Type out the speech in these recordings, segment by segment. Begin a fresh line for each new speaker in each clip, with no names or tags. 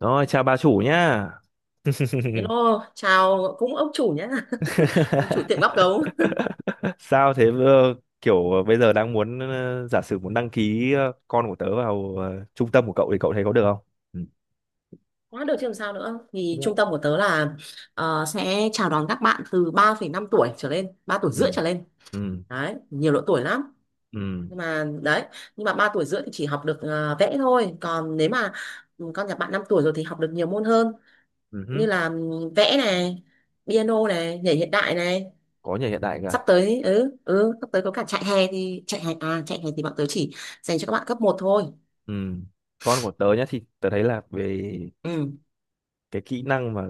Rồi, chào bà chủ nhá.
Hello, chào cũng ông chủ nhé ông chủ tiệm bắp gấu
Sao thế kiểu bây giờ đang muốn giả sử muốn đăng ký con của tớ vào trung tâm của cậu thì cậu thấy có được không? Ừ.
quá được chứ làm sao nữa. Thì trung
Cũng-
tâm của tớ là sẽ chào đón các bạn từ 3,5 tuổi trở lên, 3 tuổi rưỡi
Ừ.
trở lên
Ừ.
đấy, nhiều độ tuổi lắm.
Ừ.
Nhưng mà đấy, nhưng mà 3 tuổi rưỡi thì chỉ học được vẽ thôi, còn nếu mà con nhà bạn 5 tuổi rồi thì học được nhiều môn hơn,
Ừ. Hứ.
như là vẽ này, piano này, nhảy hiện đại này.
Có nhà hiện đại
Sắp
cả.
tới sắp tới có cả chạy hè, thì chạy hè à, chạy hè thì bọn tớ chỉ dành cho các bạn cấp 1 thôi.
Ừ. Con của tớ nhá, thì tớ thấy là về
Ừ.
cái kỹ năng mà,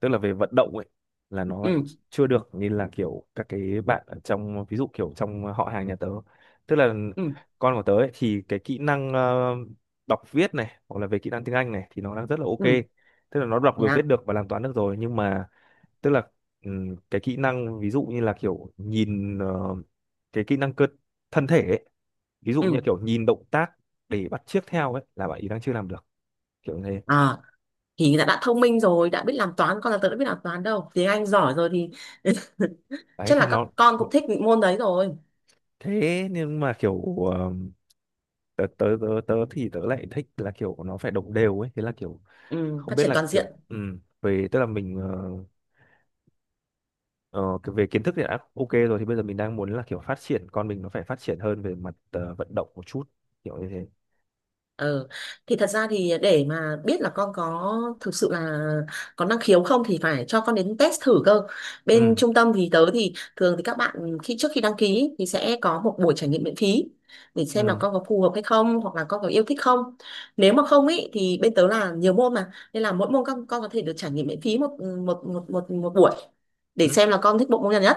tức là về vận động ấy, là nó
Ừ.
chưa được như là kiểu các cái bạn ở trong, ví dụ kiểu trong họ hàng nhà tớ, tức là
Ừ.
con của tớ ấy, thì cái kỹ năng đọc viết này hoặc là về kỹ năng tiếng Anh này thì nó đang rất là ok,
Ừ.
tức là nó đọc
Thế
được viết
à?
được và làm toán được rồi. Nhưng mà tức là cái kỹ năng ví dụ như là kiểu nhìn cái kỹ năng cơ thân thể ấy, ví dụ như
Ừ.
kiểu nhìn động tác để bắt chước theo ấy là bạn ý đang chưa làm được, kiểu như thế.
À, thì đã thông minh rồi, đã biết làm toán, con là tớ đã biết làm toán đâu. Tiếng Anh giỏi rồi thì
Đấy
chắc
thì
là các con
nó-
cũng thích môn đấy rồi.
thế nhưng mà kiểu ờ, tớ thì tớ lại thích là kiểu nó phải đồng đều ấy, thế là kiểu
Ừ,
không
phát
biết
triển
là
toàn diện.
kiểu về tức là mình về kiến thức thì đã ok rồi, thì bây giờ mình đang muốn là kiểu phát triển con mình nó phải phát triển hơn về mặt vận động một chút, kiểu như thế.
Ờ, thì thật ra thì để mà biết là con có thực sự là có năng khiếu không thì phải cho con đến test thử cơ. Bên
Ừ,
trung tâm thì tớ thì thường thì các bạn khi trước khi đăng ký thì sẽ có một buổi trải nghiệm miễn phí để xem là
ừ,
con có phù hợp hay không hoặc là con có yêu thích không. Nếu mà không ý thì bên tớ là nhiều môn mà nên là mỗi môn con có thể được trải nghiệm miễn phí một một một một, một buổi để
ừ,
xem là con thích bộ môn nào nhất.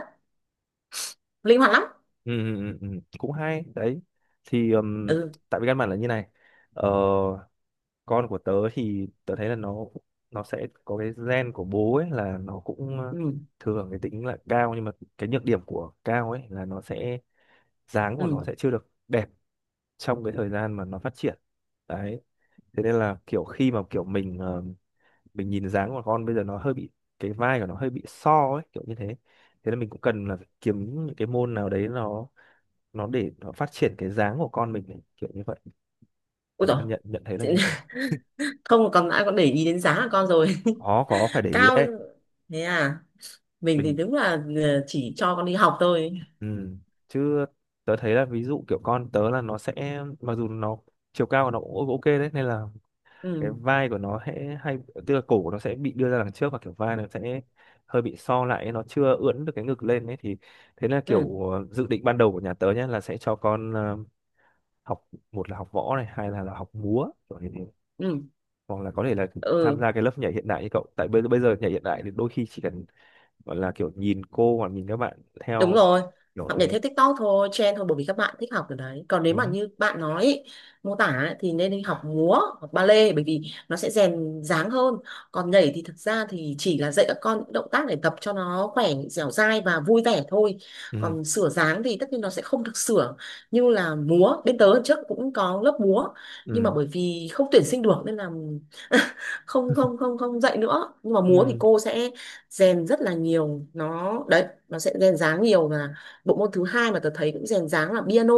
Linh hoạt lắm.
ừ, ừ, ừ, ừ. Cũng hay đấy. Thì
Ừ.
tại vì căn bản là như này. ờ, con của tớ thì tớ thấy là nó sẽ có cái gen của bố ấy, là nó cũng
Ừ.
thường cái tính là cao, nhưng mà cái nhược điểm của cao ấy là nó sẽ, dáng của
Ừ.
nó sẽ chưa được đẹp trong cái thời gian mà nó phát triển. Đấy thế nên là kiểu khi mà kiểu mình mình nhìn dáng của con bây giờ nó hơi bị, cái vai của nó hơi bị so ấy, kiểu như thế. Thế nên mình cũng cần là kiếm những cái môn nào đấy nó để nó phát triển cái dáng của con mình ấy, kiểu như vậy.
Ôi
Mình
dồi.
đang nhận nhận thấy là như thế.
Không còn ai còn để ý đến giá của con rồi.
Có phải để ý
Cao.
đấy.
Thế à. Mình thì
Mình.
đúng là chỉ cho con đi học thôi.
Ừ. Chứ tớ thấy là ví dụ kiểu con tớ là nó sẽ, mặc dù nó chiều cao của nó cũng ok đấy, nên là cái
Ừ.
vai của nó sẽ hay, tức là cổ của nó sẽ bị đưa ra đằng trước, và kiểu vai nó sẽ hơi bị so lại, nó chưa ưỡn được cái ngực lên ấy. Thì thế là
Ừ.
kiểu dự định ban đầu của nhà tớ nhé là sẽ cho con học, một là học võ này, hai là học múa, kiểu như thế.
Ừ.
Hoặc là có thể là tham
Ừ.
gia cái lớp nhảy hiện đại như cậu, tại bây bây giờ nhảy hiện đại thì đôi khi chỉ cần gọi là kiểu nhìn cô hoặc nhìn các bạn
Đúng
theo,
rồi,
kiểu
học nhảy
thế.
theo TikTok thôi, trend thôi bởi vì các bạn thích học từ đấy. Còn nếu mà
Ừ.
như bạn nói ý, mô tả ấy, thì nên đi học múa, hoặc ballet bởi vì nó sẽ rèn dáng hơn. Còn nhảy thì thực ra thì chỉ là dạy các con những động tác để tập cho nó khỏe, dẻo dai và vui vẻ thôi.
Ừ,
Còn sửa dáng thì tất nhiên nó sẽ không được sửa như là múa. Bên tớ trước cũng có lớp múa nhưng mà
ừ,
bởi vì không tuyển sinh được nên là không không không không dạy nữa. Nhưng mà múa thì
ừ,
cô sẽ rèn rất là nhiều nó đấy, nó sẽ rèn dáng nhiều mà. Bộ môn thứ hai mà tớ thấy cũng rèn dáng là piano,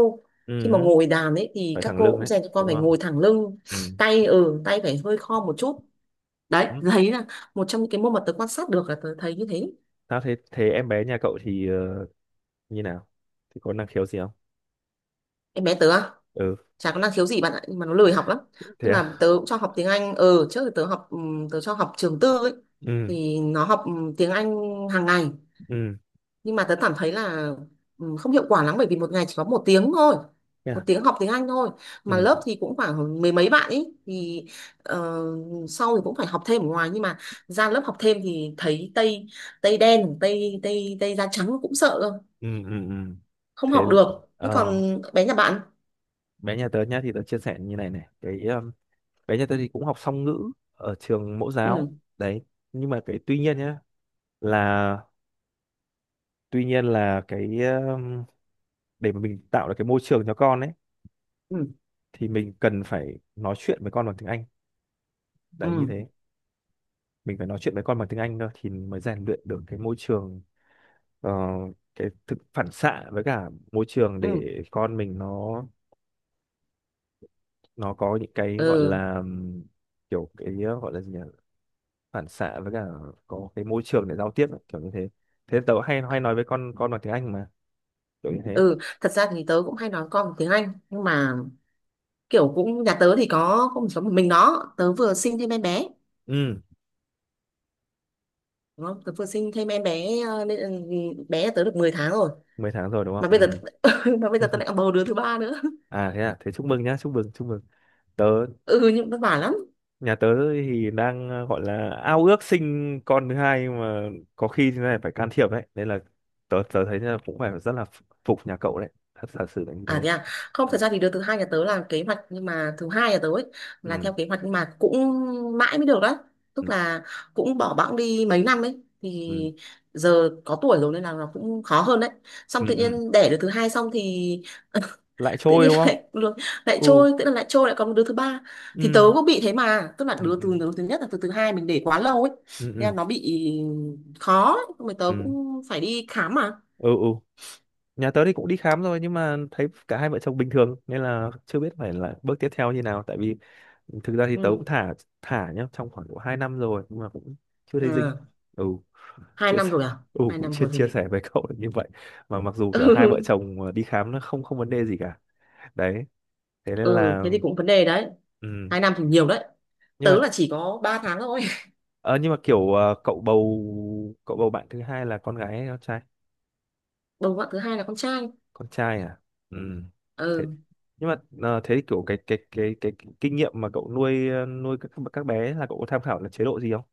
khi mà
ừ,
ngồi đàn ấy thì
phải
các
thẳng
cô
lưng
cũng
đấy,
rèn cho con
đúng
phải
không?
ngồi thẳng lưng,
Ừ.
tay tay phải hơi khom một chút. Đấy
Ừ.
đấy là một trong những cái môn mà tớ quan sát được là tớ thấy như thế.
Sao thế, thế em bé nhà cậu thì như nào, thì có năng khiếu gì không?
Em bé tớ à,
Ừ.
chả có năng khiếu gì bạn ạ, nhưng mà nó lười học lắm.
Thế
Tức là
à?
tớ cũng cho học tiếng Anh ờ trước thì tớ học tớ cho học trường tư ấy,
Ừ.
thì nó học tiếng Anh hàng ngày.
Ừ.
Nhưng mà tớ cảm thấy là không hiệu quả lắm bởi vì một ngày chỉ có 1 tiếng thôi,
Thế
một
à?
tiếng học tiếng Anh thôi mà
Ừ.
lớp thì cũng khoảng mười mấy bạn ấy thì ờ, sau thì cũng phải học thêm ở ngoài. Nhưng mà ra lớp học thêm thì thấy tây, tây đen tây tây tây da trắng cũng sợ cơ,
Ừ. Ừ. Ừ.
không
Thế.
học được. Thế còn
ờ
bé nhà bạn.
Bé nhà tớ nhá, thì tớ chia sẻ như này, này cái bé nhà tớ thì cũng học song ngữ ở trường mẫu
Ừ.
giáo đấy. Nhưng mà cái tuy nhiên nhá, là tuy nhiên là cái để mà mình tạo được cái môi trường cho con ấy,
Ừ.
thì mình cần phải nói chuyện với con bằng tiếng Anh,
Ừ.
đấy như thế. Mình phải nói chuyện với con bằng tiếng Anh thôi, thì mới rèn luyện được cái môi trường ờ, cái thực phản xạ với cả môi trường,
Ừ.
để con mình nó có những cái gọi
Ừ.
là kiểu cái gọi là gì nhỉ, phản xạ với cả có cái môi trường để giao tiếp ấy, kiểu như thế. Thế tớ hay hay nói với con bằng tiếng Anh mà, kiểu như thế.
Ừ thật ra thì tớ cũng hay nói con tiếng Anh nhưng mà kiểu cũng nhà tớ thì có không chỉ có một mình nó, tớ vừa sinh thêm em bé.
Ừ,
Đó, tớ vừa sinh thêm em bé nên là bé tớ được 10 tháng rồi
10 tháng rồi đúng
mà bây giờ
không?
mà bây
Ừ.
giờ tớ lại còn bầu đứa thứ ba nữa.
À thế à? Thế chúc mừng nhá, chúc mừng, chúc mừng. Tớ,
Ừ nhưng vất vả lắm.
nhà tớ thì đang gọi là ao ước sinh con thứ hai, nhưng mà có khi thế này phải can thiệp đấy, nên là tớ tớ thấy là cũng phải rất là phục nhà cậu đấy, thật thật sự là như
À
thế.
thế à, không
Ừ,
thật ra thì đứa thứ hai nhà tớ là kế hoạch, nhưng mà thứ hai nhà tớ ấy là theo
ừ,
kế hoạch nhưng mà cũng mãi mới được đấy. Tức
ừ,
là cũng bỏ bẵng đi mấy năm ấy thì
ừ,
giờ có tuổi rồi nên là nó cũng khó hơn đấy. Xong
ừ,
tự
ừ,
nhiên đẻ đứa thứ hai xong thì
lại
tự
trôi
nhiên
đúng không?
lại
Ừ,
trôi, tức là lại trôi lại còn một đứa thứ ba. Thì tớ
ừ,
cũng bị thế mà, tức là
ừ,
đứa từ
ừ,
đứa thứ nhất là từ thứ hai mình để quá lâu ấy,
ừ, ừ,
thế là
ừ.
nó bị khó ấy. Mà tớ cũng phải đi khám mà.
Ừ, ừ. Nhà tớ thì cũng đi khám rồi, nhưng mà thấy cả hai vợ chồng bình thường nên là chưa biết phải là bước tiếp theo như nào. Tại vì thực ra thì tớ
Ừ.
cũng thả, thả nhá, trong khoảng độ 2 năm rồi nhưng mà cũng chưa thấy dính.
À,
Ừ,
hai
chia
năm
sẻ.
rồi à,
Ừ,
hai
cũng
năm
chia
rồi
chia
thì
sẻ với cậu là như vậy. Mà mặc dù kiểu hai vợ
ừ.
chồng đi khám nó không không vấn đề gì cả. Đấy thế nên
Ừ
là.
thế thì cũng vấn đề đấy,
Ừ.
2 năm thì nhiều đấy,
nhưng mà
tớ là chỉ có 3 tháng thôi.
Ờ, nhưng mà kiểu cậu bầu bạn thứ hai là con gái hay con trai?
Bầu bạn thứ hai là con trai.
Con trai à? Ừ. Thế
Ừ
nhưng mà thế thì kiểu cái kinh nghiệm mà cậu nuôi nuôi các bé ấy, là cậu có tham khảo là chế độ gì không?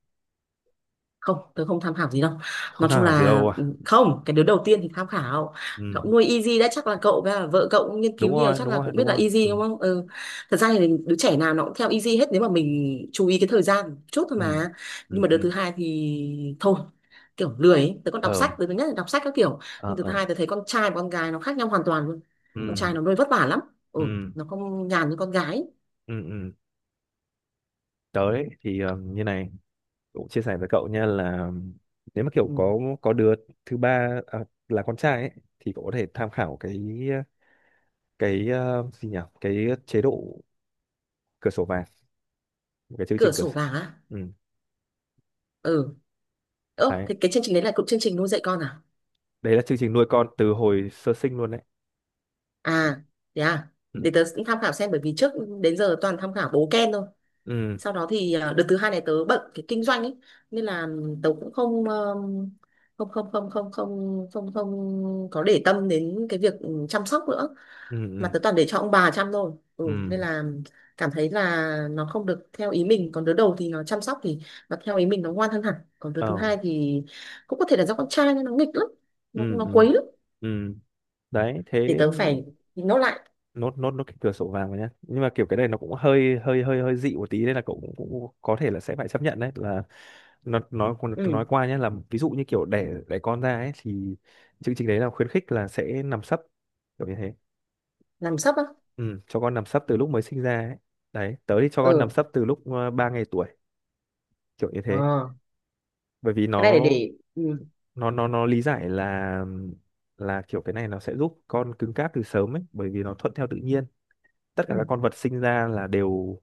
không, tớ không tham khảo gì đâu.
Không
Nói chung
tham khảo gì
là
đâu à?
không, cái đứa đầu tiên thì tham khảo,
Ừ.
cậu nuôi Easy đã, chắc là cậu với cả vợ cậu cũng nghiên
Đúng
cứu nhiều
rồi,
chắc
đúng
là
rồi,
cũng
đúng
biết là
rồi.
Easy
Ừ.
đúng không. Ừ. Thật ra thì đứa trẻ nào nó cũng theo Easy hết nếu mà mình chú ý cái thời gian một chút thôi
Ừ.
mà. Nhưng
Ừ.
mà đứa
Ừ.
thứ hai thì thôi, kiểu lười ấy. Tớ còn đọc
Ờ,
sách, đứa thứ nhất là đọc sách các kiểu,
ờ,
nhưng thứ
ờ.
hai tớ thấy con trai và con gái nó khác nhau hoàn toàn luôn. Con
Ừ.
trai nó nuôi vất vả lắm. Ừ,
Ừ.
nó không nhàn như con gái.
Ừ. Ừ. Tới thì như này, cũng chia sẻ với cậu nha là nếu mà kiểu
Ừ.
có đứa thứ ba à, là con trai ấy, thì cậu có thể tham khảo cái gì nhỉ, cái chế độ cửa sổ vàng, một cái chương
Cửa
trình cửa
sổ
sổ.
vàng á.
Ừ.
Ừ. Ơ
Đấy,
thế cái chương trình đấy là cũng chương trình nuôi dạy con à.
đấy là chương trình nuôi con từ hồi sơ sinh luôn đấy.
À, thế à.
Ừ,
Để tớ cũng tham khảo xem bởi vì trước đến giờ toàn tham khảo bố Ken thôi.
ừ,
Sau đó thì à, đợt thứ hai này tớ bận cái kinh doanh ấy nên là tớ cũng không không có để tâm đến cái việc chăm sóc nữa,
ừ,
mà
ừ,
tớ toàn để cho ông bà chăm thôi. Ừ,
ừ,
nên là cảm thấy là nó không được theo ý mình. Còn đứa đầu thì nó chăm sóc thì nó theo ý mình nó ngoan hơn hẳn, còn đứa
ờ,
thứ hai thì cũng có thể là do con trai nên nó nghịch lắm,
ừ,
nó
ừ,
quấy lắm.
ừ. Đấy
Thì
thế,
tớ phải nó lại.
nốt nốt nốt cái cửa sổ vàng vào nhá, nhưng mà kiểu cái này nó cũng hơi hơi hơi hơi dị một tí nên là cậu cũng, cũng có thể là sẽ phải chấp nhận đấy, là nó nói
Ừ
qua nhé, là ví dụ như kiểu đẻ đẻ con ra ấy thì chương trình đấy là khuyến khích là sẽ nằm sấp, kiểu như thế.
làm sắp á.
Ừ, cho con nằm sấp từ lúc mới sinh ra ấy. Đấy, tớ thì cho con nằm
Ừ
sấp từ lúc 3 ngày tuổi, kiểu như thế.
ờ,
Bởi vì nó
cái này để ừ.
nó nó nó lý giải là kiểu cái này nó sẽ giúp con cứng cáp từ sớm ấy, bởi vì nó thuận theo tự nhiên. Tất cả
Ừ.
các con vật sinh ra là đều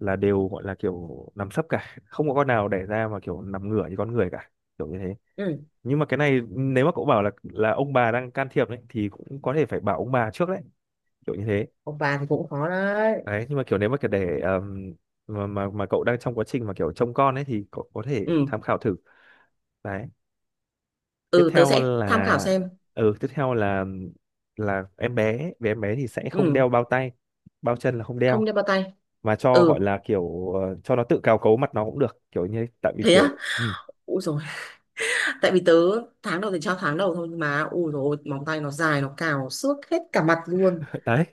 gọi là kiểu nằm sấp cả, không có con nào đẻ ra mà kiểu nằm ngửa như con người cả, kiểu như thế.
Ừ
Nhưng mà cái này nếu mà cậu bảo là ông bà đang can thiệp đấy thì cũng có thể phải bảo ông bà trước đấy, kiểu như thế.
ông bà thì cũng khó đấy.
Đấy, nhưng mà kiểu nếu mà kiểu để mà cậu đang trong quá trình mà kiểu trông con ấy, thì cậu có thể
Ừ.
tham khảo thử. Đấy. Tiếp
Ừ tớ
theo
sẽ tham khảo
là
xem.
Tiếp theo là em bé, về em bé thì sẽ không
Ừ
đeo bao tay, bao chân là không đeo,
không đem bao tay.
mà cho gọi
Ừ
là kiểu cho nó tự cào cấu mặt nó cũng được, kiểu như, tại vì
thế
kiểu
á, ui rồi. Tại vì tớ tháng đầu thì cho tháng đầu thôi, nhưng mà ui rồi, móng tay nó dài nó cào xước hết cả mặt luôn.
đấy,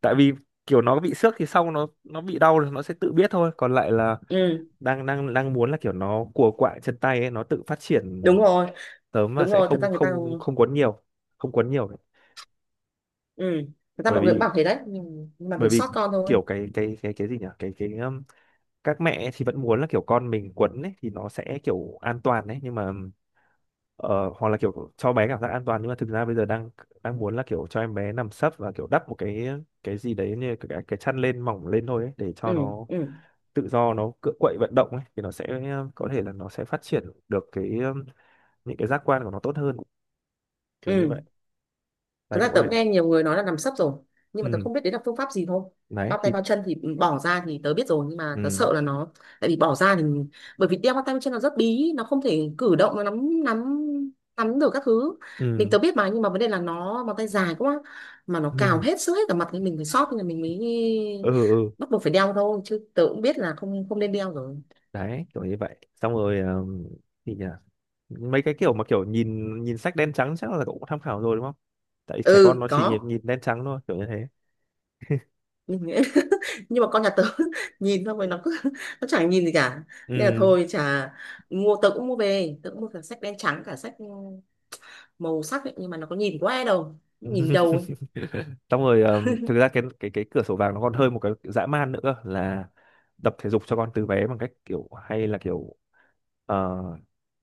tại vì kiểu nó bị xước thì sau nó bị đau là nó sẽ tự biết thôi, còn lại là
Ừ
đang đang đang muốn là kiểu nó cùa quạng chân tay ấy nó tự phát triển.
đúng rồi,
Tớ mà
đúng
sẽ
rồi thật
không
ra người ta.
không không quấn nhiều, không quấn nhiều đấy.
Ừ thật ra
bởi
mọi người cũng bảo
vì
thế đấy nhưng mà
bởi
mình
vì
sót con thôi.
kiểu cái gì nhỉ, cái các mẹ thì vẫn muốn là kiểu con mình quấn ấy thì nó sẽ kiểu an toàn đấy, nhưng mà ờ, hoặc là kiểu cho bé cảm giác an toàn, nhưng mà thực ra bây giờ đang đang muốn là kiểu cho em bé nằm sấp, và kiểu đắp một cái gì đấy như cái chăn lên, mỏng lên thôi ấy, để cho
Ừ.
nó
Ừ.
tự do, nó cựa quậy vận động ấy, thì nó sẽ có thể là nó sẽ phát triển được cái những cái giác quan của nó tốt hơn, kiểu như
Ừ
vậy.
thật
Này
ra
cũng có
tớ
thể.
cũng nghe nhiều người nói là nằm sấp rồi, nhưng mà tớ
Ừ.
không biết đấy là phương pháp gì thôi.
Đấy
Bao tay
thì.
bao chân thì bỏ ra thì tớ biết rồi nhưng mà tớ
Ừ,
sợ là nó, tại vì bỏ ra thì, bởi vì đeo bao tay bao chân nó rất bí, nó không thể cử động, nó nắm nắm nắm được các thứ. Mình
ừ.
tớ biết mà nhưng mà vấn đề là nó bàn tay dài quá, mà nó cào
Ừ,
hết sức hết cả mặt thì mình phải xót thì mình mới
ừ, ừ.
bắt buộc phải đeo thôi, chứ tớ cũng biết là không không nên đeo rồi.
Đấy, kiểu như vậy. Xong rồi thì nhỉ, mấy cái kiểu mà kiểu nhìn nhìn sách đen trắng chắc là cậu cũng tham khảo rồi đúng không? Tại trẻ con
Ừ
nó chỉ
có,
nhìn nhìn đen trắng thôi, kiểu như thế.
nhưng nhưng mà con nhà tớ nhìn xong rồi nó cứ nó chẳng nhìn gì cả, nên là
Ừ.
thôi chả. Mua tớ cũng mua về, tớ cũng mua cả sách đen trắng cả sách màu sắc ấy, nhưng mà nó có nhìn quá đâu, nó nhìn đầu ấy.
Xong rồi thực ra cái cửa sổ vàng nó còn hơi một cái dã man nữa cơ, là tập thể dục cho con từ bé, bằng cách kiểu hay là kiểu ờ,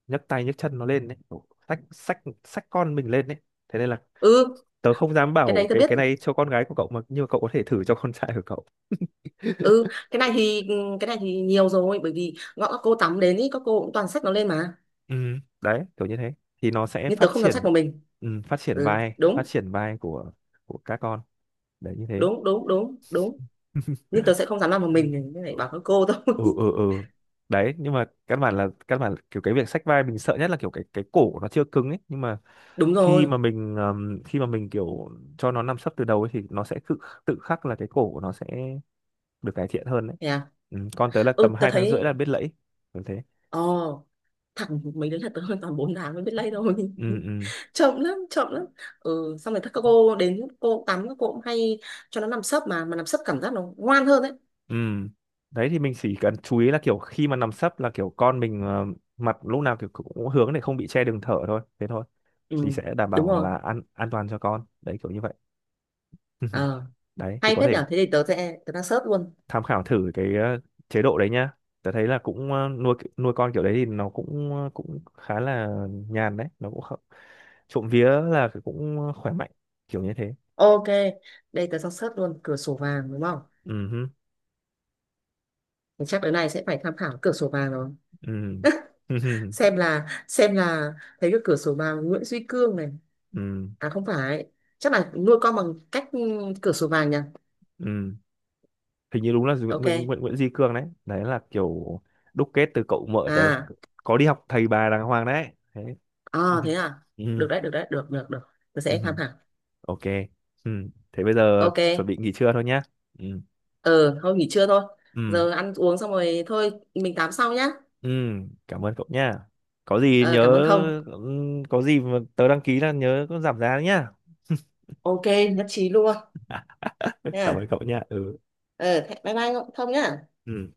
nhấc tay nhấc chân nó lên đấy, kiểu xách xách xách con mình lên đấy. Thế nên là
Ừ
tớ không dám
cái đấy
bảo
tớ
cái
biết.
cái này cho con gái của cậu mà, nhưng mà cậu có thể thử cho con trai của cậu.
Ừ cái này thì cái này thì nhiều rồi bởi vì gọi các cô tắm đến ý các cô cũng toàn xách nó lên mà.
Ừ, đấy kiểu như thế thì nó sẽ
Nhưng tớ
phát
không dám xách
triển.
một mình.
Ừ, phát triển
Ừ
vai phát
đúng,
triển vai của các con, đấy như thế.
đúng, đúng, đúng, đúng. Nhưng tớ sẽ không dám làm một mình như này,
Ừ,
bảo các cô thôi.
ừ, ừ, ừ. Đấy nhưng mà căn bản là kiểu cái việc xách vai mình sợ nhất là kiểu cái cổ của nó chưa cứng ấy, nhưng mà
Đúng rồi.
khi mà mình kiểu cho nó nằm sấp từ đầu ấy, thì nó sẽ tự tự khắc là cái cổ của nó sẽ được cải thiện hơn đấy.
Yeah.
Ừ, con tới là tầm
Ừ tớ
2,5 tháng
thấy.
là biết lẫy, kiểu thế.
Ờ thẳng mấy đứa là tớ hơn toàn 4 tháng mới biết lay thôi.
Ừ, ừ,
Chậm lắm, chậm lắm. Ừ xong rồi các cô đến cô tắm các cô cũng hay cho nó nằm sấp mà nằm sấp cảm giác nó ngoan hơn đấy.
ừ. Đấy thì mình chỉ cần chú ý là kiểu khi mà nằm sấp là kiểu con mình mặt lúc nào kiểu cũng hướng để không bị che đường thở thôi, thế thôi thì
Ừ
sẽ đảm
đúng
bảo
rồi.
là an toàn cho con đấy, kiểu như vậy.
Ờ
Đấy thì
hay
có
phết
thể
nhở, thế thì tớ sẽ tớ đang search luôn.
tham khảo thử cái chế độ đấy nhá. Tớ thấy là cũng nuôi nuôi con kiểu đấy thì nó cũng cũng khá là nhàn đấy, nó cũng không, trộm vía là cũng khỏe mạnh, kiểu như thế.
Ok, đây tớ đang search luôn cửa sổ vàng đúng không.
Ừ, ừ,
Thì chắc đứa này sẽ phải tham khảo cửa sổ vàng rồi,
ừ.
xem là xem là, thấy cái cửa sổ vàng Nguyễn Duy Cương này.
Ừ,
À không phải, chắc là nuôi con bằng cách cửa sổ vàng nhỉ.
ừ, hình như đúng là Nguyễn
Ok.
Nguyễn Nguyễn, Nguyễn Duy Cương đấy, đấy là kiểu đúc kết từ cậu mợ tớ
À.
có đi học thầy bà đàng hoàng đấy. Thế.
À thế à?
Ừ.
Được đấy, được đấy, được, được, được. Tôi sẽ tham
Ừ.
khảo.
Ok. Ừ. Thế bây giờ
Ok.
chuẩn bị nghỉ trưa thôi nhá. Ừ.
Ờ thôi nghỉ trưa thôi.
Ừ.
Giờ ăn uống xong rồi thôi, mình tám sau nhá.
Ừ. Cảm ơn cậu nhá, có gì
Ờ,
nhớ.
cảm ơn Thông.
Ừ, có gì mà tớ đăng ký là nhớ có giảm giá đấy nhá.
Ok, nhất trí luôn.
Cảm ơn
Nha.
cậu nhá. Ừ.
Ờ, thế- bye bye Thông nhá.
Ừ.